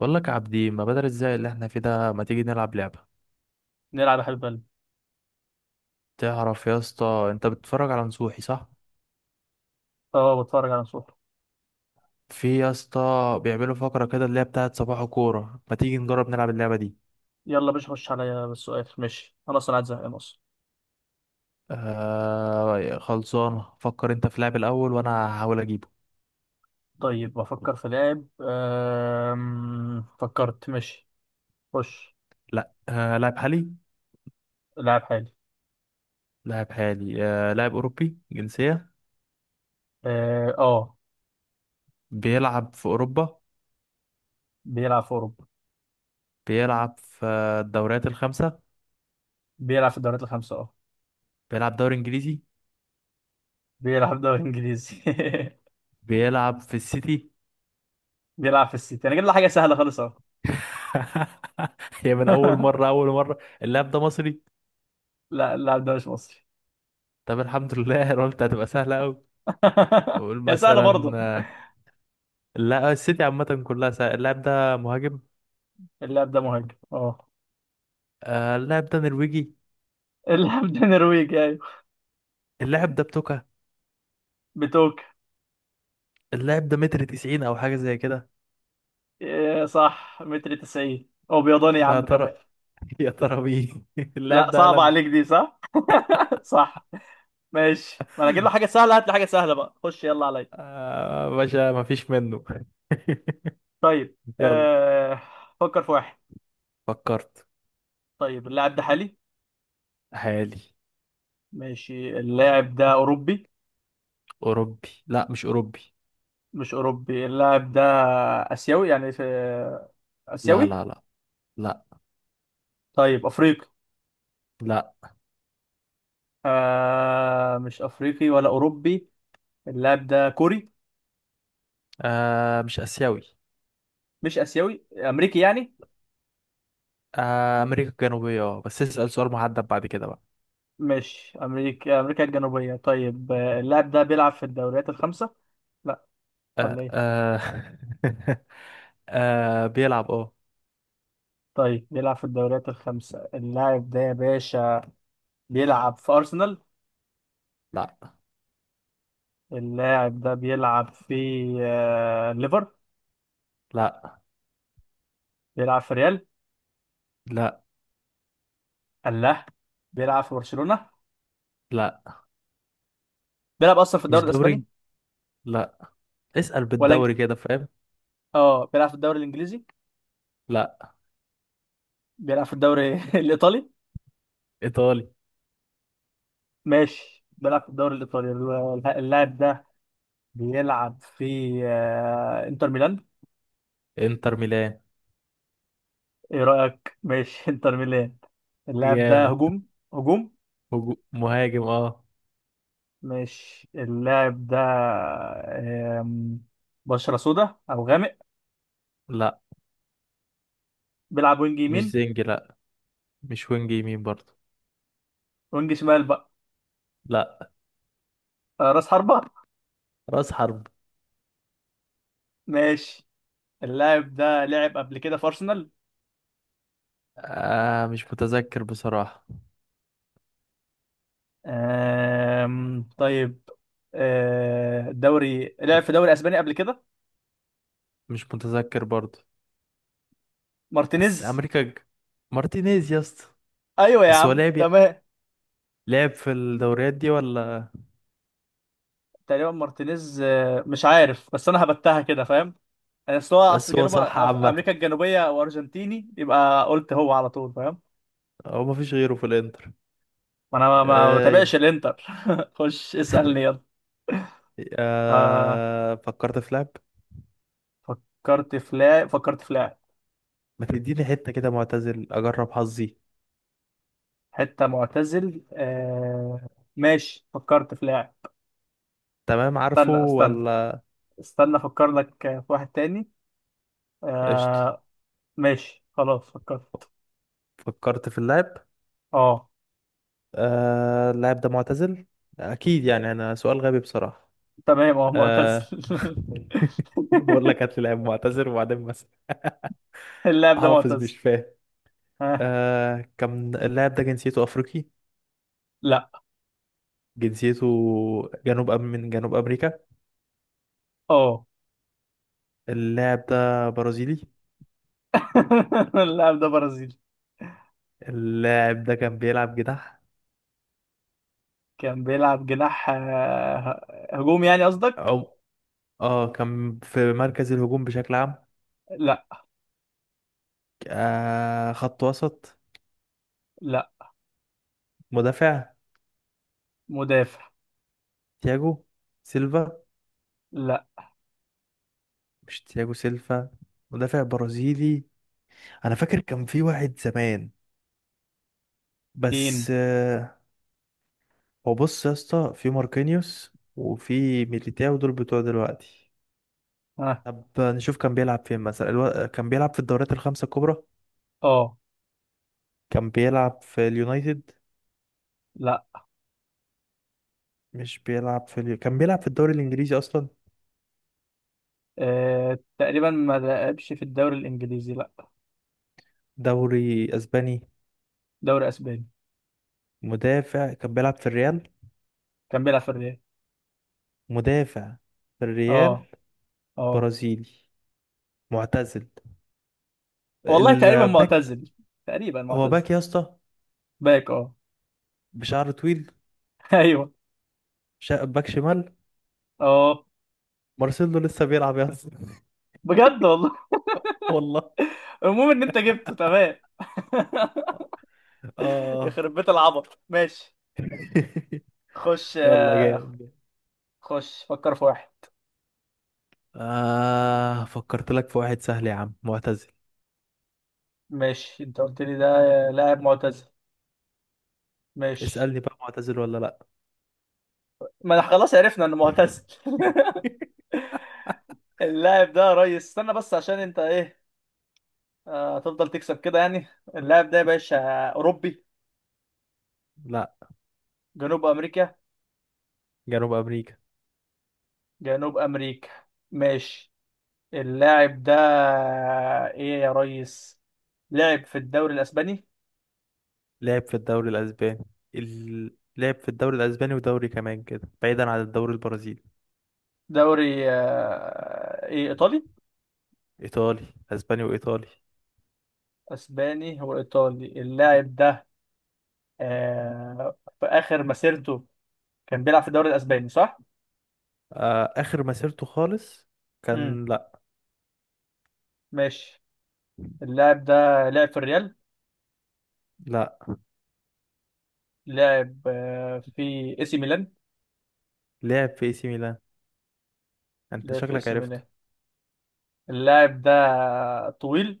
بقول لك يا عبدي ما بدل ازاي اللي احنا فيه ده، ما تيجي نلعب لعبة؟ نلعب يا حبيب قلبي. تعرف يا اسطى انت بتتفرج على نصوحي صح؟ اه، بتفرج على نصوحي. في يا اسطى بيعملوا فقرة كده اللي هي بتاعت صباح كورة، ما تيجي نجرب نلعب اللعبة دي؟ يلا باش، خش عليا بالسؤال، ماشي. انا اصلا قاعد زهقان اصلا. آه خلصانة. فكر انت في لاعب الاول وانا هحاول اجيبه. طيب، بفكر في لاعب. فكرت. ماشي. خش. لا آه لاعب حالي. لاعب حالي، لاعب حالي. آه لاعب اوروبي جنسية. اه. آه. بيلعب في اوروبا. بيلعب في اوروبا. بيلعب في الدوريات الخمسة. بيلعب في الدوريات الخمسة، اه. بيلعب دوري انجليزي. بيلعب دوري انجليزي. بيلعب في السيتي. بيلعب في السيتي، انا جايب له حاجة سهلة خالص اهو. هي من اول مره، اللاعب ده مصري؟ لا، اللاعب ده مش مصري. طب الحمد لله. انا قلت هتبقى سهله قوي. نقول يا سهلة مثلا، برضه. آه، لا السيتي عامه كلها سهل. اللاعب ده مهاجم. اللاعب ده مهاجم، اه. اللاعب ده نرويجي. اللاعب ده نرويجي، ايوه. اللاعب ده بتوكا. بتوك. اللاعب ده متر 90 او حاجه زي كده. إيه، صح. متر 90، هو بيضاني يا يا عم ترى كمان. يا ترى مين؟ لا، اللاعب ده صعب هالاند. عليك دي. صح. صح. ماشي، ما انا اجيب له حاجه سهله، هات لي حاجه سهله بقى. خش يلا عليا. آه باشا ما فيش منه. طيب. يلا. فكر في واحد. فكرت. طيب، اللاعب ده حالي. حالي. ماشي، اللاعب ده اوروبي. اوروبي؟ لا مش اوروبي. مش اوروبي اللاعب ده. اسيوي يعني. في لا اسيوي. لا لا لا. طيب، افريقي. لا. مش افريقي ولا اوروبي. اللاعب ده كوري. آه مش اسيوي. مش اسيوي، امريكي يعني. أمريكا الجنوبية اه، بس اسأل سؤال محدد بعد كده بقى. مش امريكا، امريكا الجنوبيه. طيب، اللاعب ده بيلعب في الدوريات الخمسه. لا. ولا آه ايه؟ آه آه بيلعب اه. طيب، بيلعب في الدوريات الخمسة اللاعب ده يا باشا. بيلعب في أرسنال. لا. اللاعب ده بيلعب في ليفر. لا. بيلعب في ريال. لا. الله. بيلعب في برشلونة. لا بيلعب أصلا في الدوري مش دوري. الأسباني. لا. اسأل ولا إنج- بالدوري كده فاهم. اه بيلعب في الدوري الإنجليزي. لا. بيلعب في الدوري الإيطالي. إيطالي. ماشي، بيلعب في الدوري الإيطالي. اللاعب ده بيلعب في إنتر ميلان. إنتر ميلان إيه رأيك؟ ماشي إنتر ميلان. اللاعب ده جامد. هجوم. هجوم. مهاجم اه. مش اللاعب ده. آم، بشرة سودا أو غامق. لا بيلعب وينج مش يمين. زنجي، لا. مش وينج يمين برضه. وينج شمال بقى. لا. راس حربة. رأس حرب. ماشي. اللاعب ده لعب قبل كده في أرسنال. آه مش متذكر بصراحة. طيب. دوري لعب في دوري أسباني قبل كده. مش متذكر برضه. بس مارتينيز. أمريكا ج- مارتينيز يا اسطى. أيوة يا بس هو عم، لعب، تمام. لعب في الدوريات دي ولا؟ تقريبا مارتينيز، مش عارف بس أنا هبتها كده فاهم. يعني أصل هو أصل بس هو جنوب، صح عامة. أمريكا الجنوبية وأرجنتيني، يبقى قلت هو على طول فاهم. هو مفيش غيره في الانتر. ما انا ما بتابعش اي. الانتر. خش اسألني يلا. آه، فكرت في لعب. فكرت في لاعب. ما تديني حتة كده معتزل اجرب حظي. حتة معتزل، آه. ماشي، فكرت في لاعب. تمام عارفه استنى استنى. ولا؟ استنى افكر لك في واحد تاني. قشطة. آه. ماشي خلاص فكرت. فكرت في اللعب. اه. اللاعب ده معتزل اكيد يعني، انا سؤال غبي بصراحة. تمام، اه، آه... معتزل. بقول لك هات لي لاعب معتزل وبعدين بس. اللاعب ده حافظ معتزل. مش فاهم. ها. كان اللاعب ده جنسيته افريقي؟ لا. جنسيته، جنوب أم من جنوب أمريكا. اه. اللاعب ده برازيلي. اللاعب ده برازيلي. اللاعب ده كان بيلعب جناح؟ كان بيلعب جناح، هجوم يعني قصدك. أو، اه كان في مركز الهجوم بشكل عام. لا. آه خط وسط. لا. مدافع. مدافع. تياجو سيلفا. لا. مش تياجو سيلفا. مدافع برازيلي. أنا فاكر كان في واحد زمان بس مين؟ آه. هو بص يا اسطى في ماركينيوس وفي ميليتاو دول بتوع دلوقتي. ها. طب نشوف كان بيلعب فين مثلا. كان بيلعب في الدوريات الخمسة الكبرى. اه. كان بيلعب في اليونايتد. لا. مش بيلعب في اليو... كان بيلعب في الدوري الانجليزي اصلا. آه. تقريبا ما لعبش في الدوري الانجليزي، لا. دوري اسباني. دوري اسباني. مدافع كان بيلعب في الريال. كان بيلعب في الريال. مدافع في اه. الريال. اه. برازيلي. معتزل. والله تقريبا الباك. معتزل. تقريبا هو معتزل. باك يا اسطى. باك، اه. بشعر طويل. ايوه. باك شمال. اه. مارسيلو لسه بيلعب يا اسطى. بجد والله. والله. المهم ان انت جبته، تمام. اه. يخرب بيت العبط، ماشي. خش يلا جامد جامد. فكر في واحد. آه فكرت لك في واحد سهل يا عم معتزل. ماشي، انت قلت لي ده لاعب معتزل. ماشي. اسألني بقى معتزل ولا لا؟ ما انا خلاص عرفنا انه معتزل. اللاعب ده يا ريس، استنى بس عشان انت ايه. تفضل تكسب كده يعني. اللاعب ده يا باشا أوروبي. لا. جنوب أمريكا. جنوب امريكا. جنوب أمريكا. ماشي. اللاعب ده. إيه يا ريس. لعب في الدوري الأسباني. لعب في الدوري الأسباني. لعب في الدوري الأسباني ودوري كمان كده بعيدا عن الدوري البرازيلي. دوري إيه إيطالي. إيطالي. أسباني وإيطالي. أسباني. هو إيطالي اللاعب ده. في آخر مسيرته كان بيلعب في الدوري الأسباني، صح؟ آه آخر مسيرته خالص امم كان، لأ. ماشي. اللاعب ده لعب في الريال. لأ. لعب في إي سي ميلان. لعب في اي سي ميلان. أنت لعب في إي شكلك سي عرفته. ميلان. اللاعب ده طويل.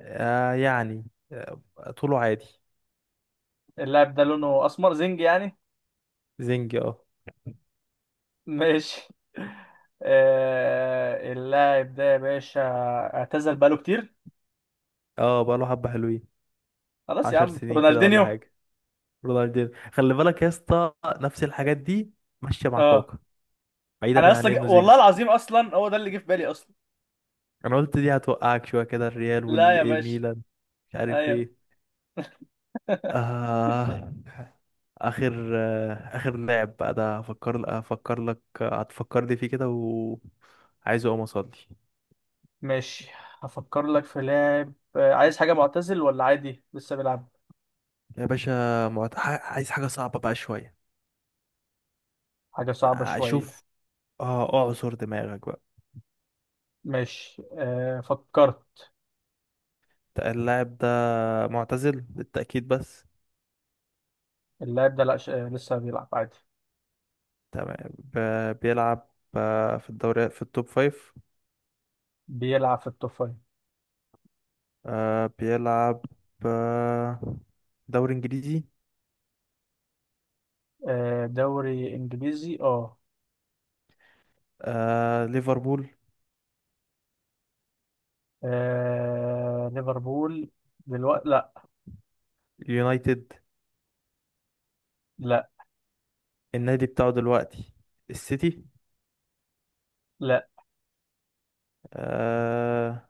آه يعني، آه طوله عادي. اللاعب ده لونه اسمر، زنج يعني. زنجي اه. ماشي. اللاعب ده يا باشا اعتزل بقاله كتير. اه بقاله حبة حلوين. خلاص يا عشر عم، سنين كده ولا رونالدينيو. حاجة. رونالدينho. خلي بالك يا اسطى نفس الحاجات دي ماشية مع اه، كوكا انا بعيدا عن اصلا انه زنجي. والله العظيم اصلا هو ده اللي جه في بالي اصلا. انا قلت دي هتوقعك شوية كده الريال لا يا والاي باشا. ميلان. مش عارف ايوه. ايه. آه. آخر لاعب بقى ده، أفكر لك هتفكرني فيه كده وعايز أقوم أصلي. ماشي، هفكر لك في لاعب. عايز حاجة معتزل ولا عادي لسه بيلعب؟ يا باشا، عايز حاجة صعبة بقى شوية. حاجة صعبة شوية. أشوف. آه أعصر دماغك بقى. ماشي، فكرت. اللاعب ده معتزل للتأكيد بس. اللاعب ده لا. لسه بيلعب عادي. تمام. بيلعب آه، في الدوري في التوب فايف. بيلعب في التوب فايف، آه بيلعب. آه دوري إنجليزي. آه. دوري انجليزي، اه. آه ليفربول. ليفربول دلوقتي، لا. يونايتد. لا. النادي بتاعه دلوقتي السيتي. لا، آه...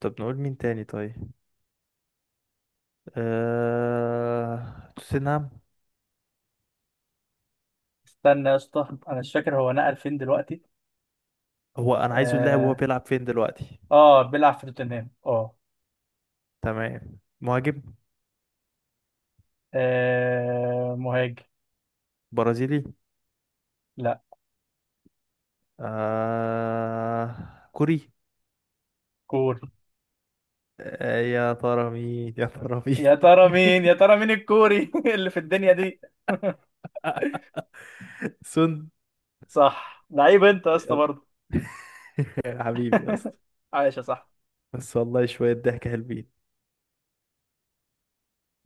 طب نقول مين تاني؟ طيب. آه... توتنهام. استنى يا اسطى، انا مش فاكر هو نقل فين دلوقتي. هو انا عايزه اللاعب وهو اه, بيلعب فين دلوقتي. بيلعب في توتنهام، اه. تمام مهاجم. مهاجم. برازيلي. لا. آه... كوري. كوري. آه يا ترى مين، يا ترى يا مين. ترى مين؟ يا ترى مين الكوري اللي في الدنيا دي؟ سون. صح. لعيب انت يا اسطى يلا. برضه. يا حبيبي يا اسطى. عايش يا صاحبي. بس والله شوية ضحك حلوين.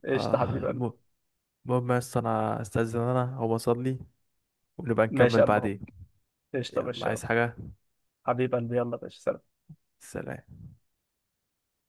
قشطة حبيب اه قلبي. الم- المهم يا اسطى انا استاذن، انا هو اصلي ونبقى ماشي نكمل يا قلب، اهو. بعدين. قشطة يا يلا باشا، يلا. عايز حاجة. حبيب قلبي، يلا يا باشا، سلام. سلام.